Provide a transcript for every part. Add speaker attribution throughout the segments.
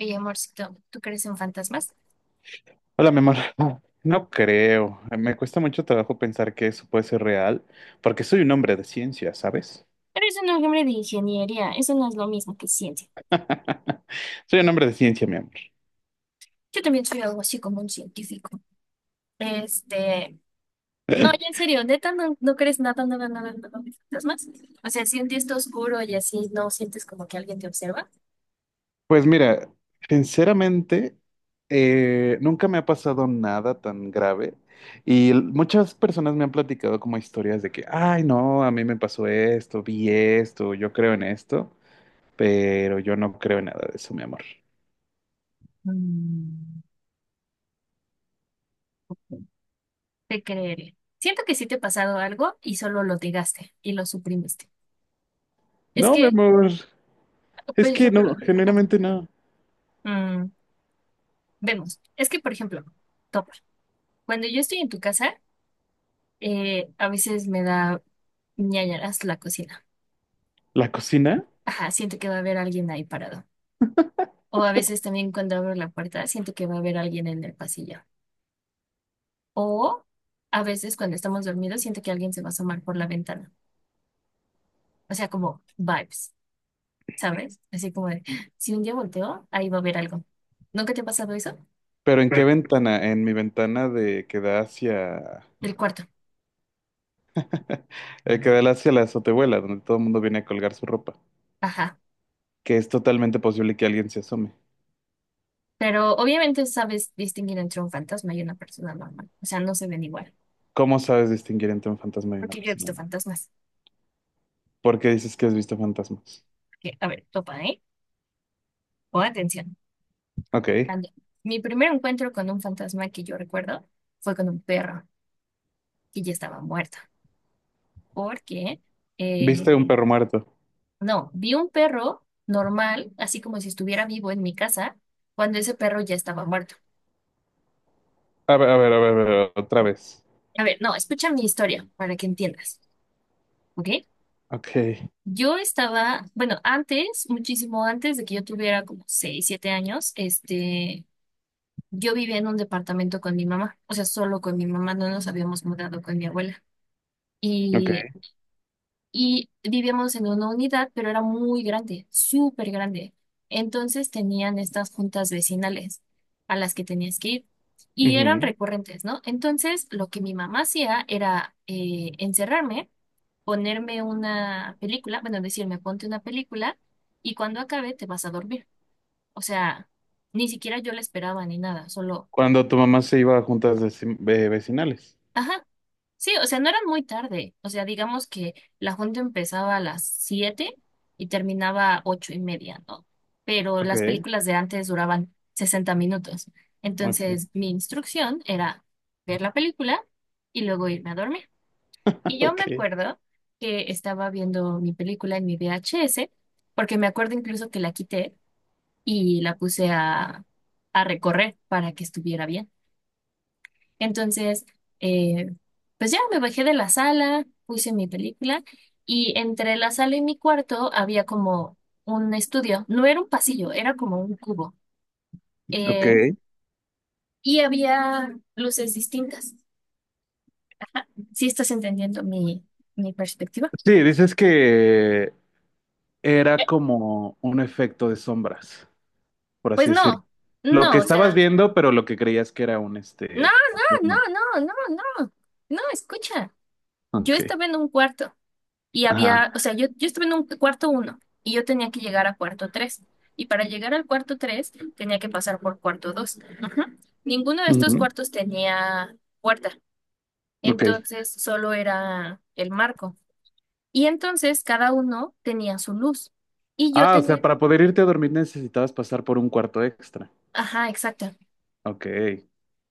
Speaker 1: Oye, amorcito, ¿tú crees en fantasmas?
Speaker 2: Hola, mi amor. No creo. Me cuesta mucho trabajo pensar que eso puede ser real, porque soy un hombre de ciencia, ¿sabes?
Speaker 1: Pero es un hombre de ingeniería, eso no es lo mismo que ciencia.
Speaker 2: Soy un hombre de ciencia, mi amor.
Speaker 1: Yo también soy algo así como un científico. Este, no, ya en serio, neta, no crees nada, nada, nada, nada de fantasmas. O sea, sientes esto oscuro y así no sientes como que alguien te observa.
Speaker 2: Pues mira, sinceramente, nunca me ha pasado nada tan grave y muchas personas me han platicado como historias de que, ay, no, a mí me pasó esto, vi esto, yo creo en esto, pero yo no creo en nada de eso, mi amor.
Speaker 1: Mm. Te creeré. Siento que sí te ha pasado algo y solo lo negaste y lo suprimiste. Es
Speaker 2: No, mi
Speaker 1: que,
Speaker 2: amor,
Speaker 1: por
Speaker 2: es que
Speaker 1: ejemplo,
Speaker 2: no,
Speaker 1: ajá,
Speaker 2: generalmente no.
Speaker 1: mm, vemos, es que, por ejemplo, topa. Cuando yo estoy en tu casa, a veces me da ñañaras la cocina.
Speaker 2: ¿La cocina?
Speaker 1: Ajá, siento que va a haber alguien ahí parado. O a veces también cuando abro la puerta siento que va a haber alguien en el pasillo. O a veces cuando estamos dormidos siento que alguien se va a asomar por la ventana. O sea, como vibes, ¿sabes? Así como de, si un día volteo, ahí va a haber algo. ¿Nunca te ha pasado eso?
Speaker 2: ¿Pero en qué ventana? En mi ventana de que da hacia,
Speaker 1: Del cuarto.
Speaker 2: que da hacia la azotehuela, donde todo el mundo viene a colgar su ropa,
Speaker 1: Ajá.
Speaker 2: que es totalmente posible que alguien se asome.
Speaker 1: Pero obviamente sabes distinguir entre un fantasma y una persona normal. O sea, no se ven igual.
Speaker 2: ¿Cómo sabes distinguir entre un fantasma y una
Speaker 1: Porque yo he
Speaker 2: persona?
Speaker 1: visto fantasmas.
Speaker 2: ¿Por qué dices que has visto fantasmas?
Speaker 1: Que, a ver, topa, ¿eh? O atención.
Speaker 2: Ok.
Speaker 1: Ande- Mi primer encuentro con un fantasma que yo recuerdo fue con un perro que ya estaba muerto. Porque, eh,
Speaker 2: ¿Viste un perro muerto?
Speaker 1: no, vi un perro normal, así como si estuviera vivo en mi casa, cuando ese perro ya estaba muerto.
Speaker 2: A ver, a ver, a ver, a ver, otra vez.
Speaker 1: A ver, no, escucha mi historia para que entiendas, ¿ok?
Speaker 2: Ok,
Speaker 1: Yo estaba, bueno, antes, muchísimo antes de que yo tuviera como 6 7 años, yo vivía en un departamento con mi mamá, o sea, solo con mi mamá, no nos habíamos mudado con mi abuela.
Speaker 2: ok.
Speaker 1: Y y vivíamos en una unidad, pero era muy grande, súper grande. Entonces tenían estas juntas vecinales a las que tenías que ir y eran
Speaker 2: Ujú.
Speaker 1: recurrentes, ¿no? Entonces lo que mi mamá hacía era encerrarme, ponerme una película, bueno, decirme, ponte una película y cuando acabe te vas a dormir. O sea, ni siquiera yo la esperaba ni nada, solo.
Speaker 2: Cuando tu mamá se iba a juntas vecinales.
Speaker 1: Ajá. Sí, o sea, no eran muy tarde. O sea, digamos que la junta empezaba a las 7 y terminaba a 8 y media, ¿no? Pero
Speaker 2: Ok,
Speaker 1: las películas de antes duraban 60 minutos.
Speaker 2: ok,
Speaker 1: Entonces, mi instrucción era ver la película y luego irme a dormir. Y yo me
Speaker 2: ok.
Speaker 1: acuerdo que estaba viendo mi película en mi VHS, porque me acuerdo incluso que la quité y la puse a recorrer para que estuviera bien. Entonces, eh, pues ya me bajé de la sala, puse mi película y entre la sala y mi cuarto había como un estudio. No era un pasillo, era como un cubo.
Speaker 2: Ok.
Speaker 1: Eh, y había luces distintas. ¿Sí estás entendiendo mi perspectiva?
Speaker 2: Sí, dices que era como un efecto de sombras, por
Speaker 1: Pues
Speaker 2: así decirlo.
Speaker 1: no,
Speaker 2: Lo que
Speaker 1: no, o
Speaker 2: estabas
Speaker 1: sea,
Speaker 2: viendo, pero lo que creías que era un
Speaker 1: no,
Speaker 2: este.
Speaker 1: no, no,
Speaker 2: fantasma.
Speaker 1: no, no, no, no, escucha. Yo
Speaker 2: Ok.
Speaker 1: estaba en un cuarto. Y
Speaker 2: Ajá.
Speaker 1: había, o sea, yo estuve en un cuarto uno y yo tenía que llegar a cuarto tres. Y para llegar al cuarto tres tenía que pasar por cuarto dos. Ajá. Ninguno de estos
Speaker 2: Ujú.
Speaker 1: cuartos tenía puerta.
Speaker 2: Ok.
Speaker 1: Entonces solo era el marco. Y entonces cada uno tenía su luz. Y yo
Speaker 2: Ah, o sea,
Speaker 1: tenía,
Speaker 2: para poder irte a dormir necesitabas pasar por un cuarto extra.
Speaker 1: ajá, exacto,
Speaker 2: Ok.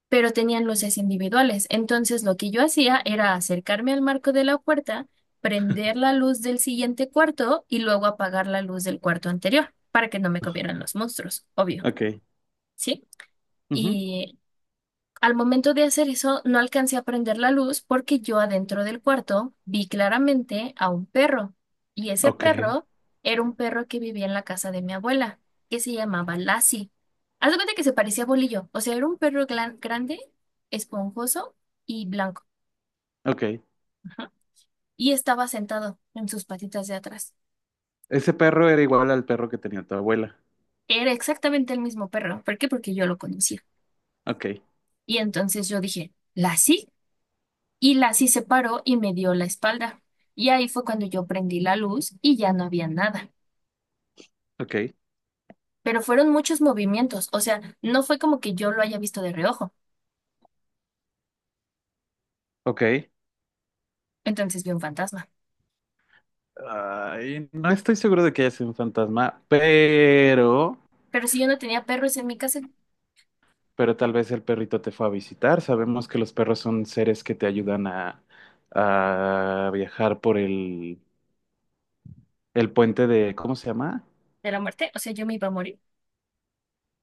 Speaker 1: pero tenían luces individuales. Entonces lo que yo hacía era acercarme al marco de la puerta, prender la luz del siguiente cuarto y luego apagar la luz del cuarto anterior para que no me comieran los monstruos, obvio,
Speaker 2: Ok.
Speaker 1: ¿sí?
Speaker 2: Ujú.
Speaker 1: Y al momento de hacer eso, no alcancé a prender la luz porque yo adentro del cuarto vi claramente a un perro. Y ese
Speaker 2: Ok.
Speaker 1: perro era un perro que vivía en la casa de mi abuela, que se llamaba Lassie. Haz de cuenta que se parecía a Bolillo. O sea, era un perro grande, esponjoso y blanco.
Speaker 2: Ok.
Speaker 1: Ajá. Y estaba sentado en sus patitas de atrás.
Speaker 2: Ese perro era igual al perro que tenía tu abuela.
Speaker 1: Era exactamente el mismo perro. ¿Por qué? Porque yo lo conocía.
Speaker 2: Ok.
Speaker 1: Y entonces yo dije, ¿Lassie? Y Lassie se paró y me dio la espalda. Y ahí fue cuando yo prendí la luz y ya no había nada.
Speaker 2: Ok.
Speaker 1: Pero fueron muchos movimientos, o sea, no fue como que yo lo haya visto de reojo.
Speaker 2: Ok.
Speaker 1: Entonces vi un fantasma.
Speaker 2: Ay, no estoy seguro de que haya sido un fantasma, pero.
Speaker 1: Pero si yo no tenía perros en mi casa
Speaker 2: Pero tal vez el perrito te fue a visitar. Sabemos que los perros son seres que te ayudan a viajar por el puente de, ¿cómo se llama?
Speaker 1: de la muerte, o sea, yo me iba a morir.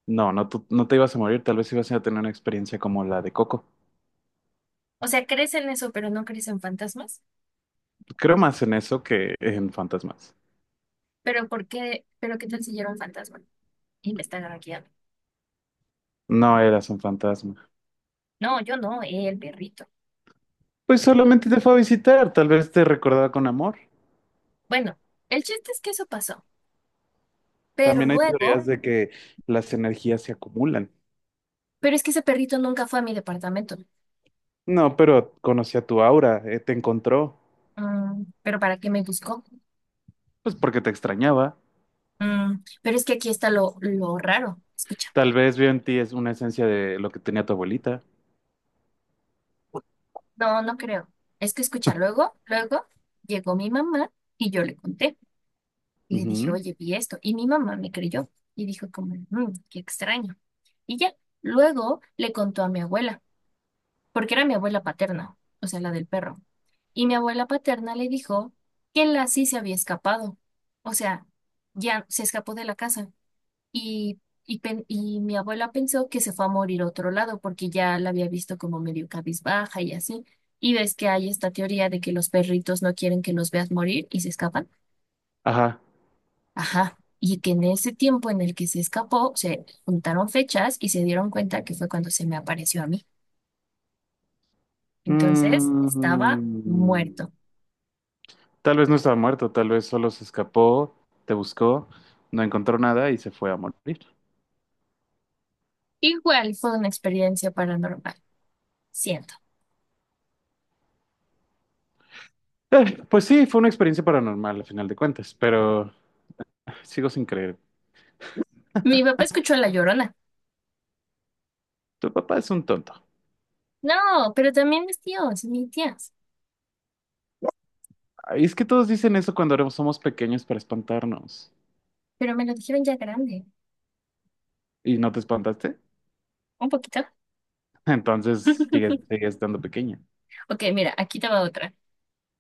Speaker 2: No, no, no te ibas a morir, tal vez ibas a tener una experiencia como la de Coco.
Speaker 1: O sea, crees en eso, pero no crees en fantasmas.
Speaker 2: Creo más en eso que en fantasmas.
Speaker 1: Pero ¿por qué? ¿Pero qué tal si yo era un fantasma? Y me están arañando.
Speaker 2: No eras un fantasma.
Speaker 1: No, yo no, el perrito.
Speaker 2: Pues solamente te fue a visitar, tal vez te recordaba con amor.
Speaker 1: Bueno, el chiste es que eso pasó. Pero
Speaker 2: También hay teorías
Speaker 1: luego,
Speaker 2: de que las energías se acumulan.
Speaker 1: pero es que ese perrito nunca fue a mi departamento.
Speaker 2: No, pero conocía tu aura, te encontró,
Speaker 1: Mm, pero ¿para qué me buscó?
Speaker 2: pues porque te extrañaba.
Speaker 1: Mm, pero es que aquí está lo raro. Escucha.
Speaker 2: Tal vez veo en ti es una esencia de lo que tenía tu abuelita.
Speaker 1: No, no creo. Es que escucha, luego llegó mi mamá y yo le conté. Y le dije,
Speaker 2: Ujú.
Speaker 1: oye, vi esto. Y mi mamá me creyó. Y dijo como, "Mm, qué extraño". Y ya, luego le contó a mi abuela, porque era mi abuela paterna, o sea, la del perro. Y mi abuela paterna le dijo que la sí se había escapado. O sea, ya se escapó de la casa. Y, y mi abuela pensó que se fue a morir a otro lado porque ya la había visto como medio cabizbaja y así. Y ves que hay esta teoría de que los perritos no quieren que los veas morir y se escapan.
Speaker 2: Ajá.
Speaker 1: Ajá. Y que en ese tiempo en el que se escapó, se juntaron fechas y se dieron cuenta que fue cuando se me apareció a mí. Entonces estaba
Speaker 2: Mm,
Speaker 1: muerto.
Speaker 2: tal vez no estaba muerto, tal vez solo se escapó, te buscó, no encontró nada y se fue a morir.
Speaker 1: Igual fue una experiencia paranormal, siento.
Speaker 2: Pues sí, fue una experiencia paranormal al final de cuentas, pero sigo sin creer.
Speaker 1: Mi papá escuchó a La Llorona.
Speaker 2: Tu papá es un tonto.
Speaker 1: No, pero también mis tíos y mis tías.
Speaker 2: Ay, es que todos dicen eso cuando somos pequeños para espantarnos.
Speaker 1: Pero me lo dijeron ya grande.
Speaker 2: ¿Y no te espantaste?
Speaker 1: Un poquito.
Speaker 2: Entonces sigues estando pequeña.
Speaker 1: Ok, mira, aquí te va otra.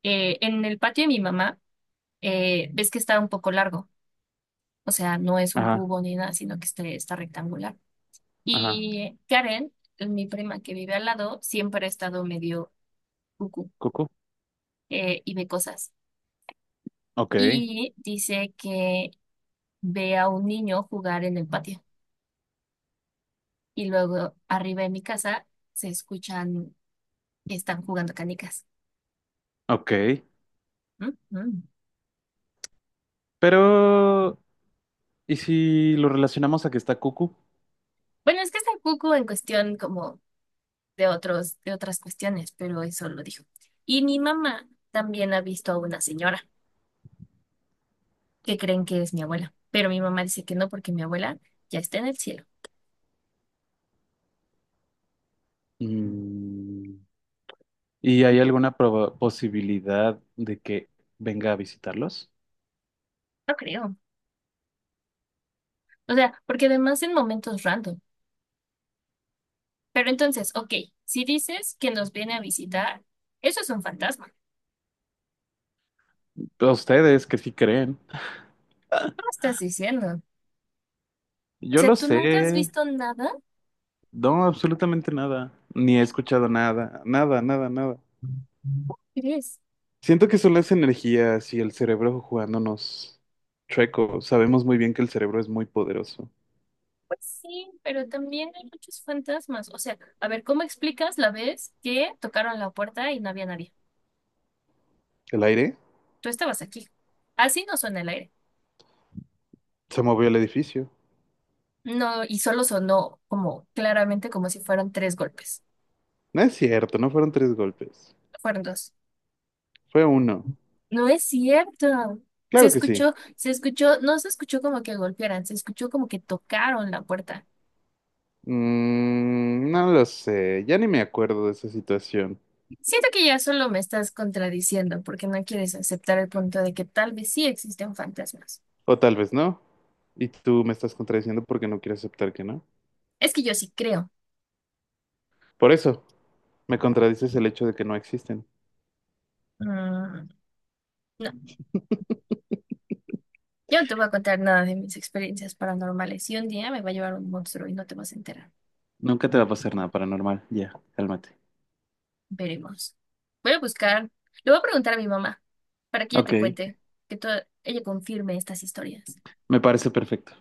Speaker 1: En el patio de mi mamá, ves que está un poco largo, o sea, no es un
Speaker 2: Ajá,
Speaker 1: cubo ni nada, sino que este está rectangular.
Speaker 2: ajá.
Speaker 1: Y Karen, mi prima que vive al lado, siempre ha estado medio cucú,
Speaker 2: Cucu.
Speaker 1: y ve cosas.
Speaker 2: Ok,
Speaker 1: Y dice que ve a un niño jugar en el patio. Y luego arriba de mi casa se escuchan, están jugando canicas.
Speaker 2: ok.
Speaker 1: Mm, mm.
Speaker 2: Pero, ¿y si lo relacionamos a que está Cucu?
Speaker 1: Bueno, es que está cucú en cuestión como de otros, de otras cuestiones, pero eso lo dijo. Y mi mamá también ha visto a una señora que creen que es mi abuela, pero mi mamá dice que no porque mi abuela ya está en el cielo.
Speaker 2: Mm, ¿y hay alguna posibilidad de que venga a visitarlos?
Speaker 1: No creo. O sea, porque además en momentos random. Pero entonces, ok, si dices que nos viene a visitar, eso es un fantasma.
Speaker 2: A ustedes que sí creen.
Speaker 1: ¿Cómo estás diciendo? O
Speaker 2: Yo
Speaker 1: sea,
Speaker 2: lo
Speaker 1: ¿tú nunca has
Speaker 2: sé.
Speaker 1: visto nada?
Speaker 2: No, absolutamente nada. Ni he escuchado nada. Nada, nada, nada.
Speaker 1: ¿Crees?
Speaker 2: Siento que son las energías y el cerebro jugándonos chueco. Sabemos muy bien que el cerebro es muy poderoso.
Speaker 1: Pues sí, pero también hay muchos fantasmas. O sea, a ver, ¿cómo explicas la vez que tocaron la puerta y no había nadie?
Speaker 2: El aire
Speaker 1: Tú estabas aquí. Así no suena el aire.
Speaker 2: se movió el edificio.
Speaker 1: No, y solo sonó como claramente como si fueran tres golpes.
Speaker 2: No es cierto, no fueron tres golpes.
Speaker 1: Fueron dos.
Speaker 2: Fue uno.
Speaker 1: No es cierto.
Speaker 2: Claro que sí.
Speaker 1: Se escuchó, no se escuchó como que golpearan, se escuchó como que tocaron la puerta.
Speaker 2: Mm, no lo sé, ya ni me acuerdo de esa situación.
Speaker 1: Siento que ya solo me estás contradiciendo porque no quieres aceptar el punto de que tal vez sí existen fantasmas.
Speaker 2: O tal vez no. Y tú me estás contradiciendo porque no quieres aceptar que no.
Speaker 1: Es que yo sí creo.
Speaker 2: Por eso, me contradices el hecho de que no existen.
Speaker 1: Mm, no, yo no te voy a contar nada de mis experiencias paranormales y un día me va a llevar un monstruo y no te vas a enterar.
Speaker 2: Nunca te va a pasar nada paranormal. Ya, cálmate.
Speaker 1: Veremos. Voy a buscar. Le voy a preguntar a mi mamá para que ella
Speaker 2: Ok,
Speaker 1: te cuente, que to- ella confirme estas historias.
Speaker 2: me parece perfecto.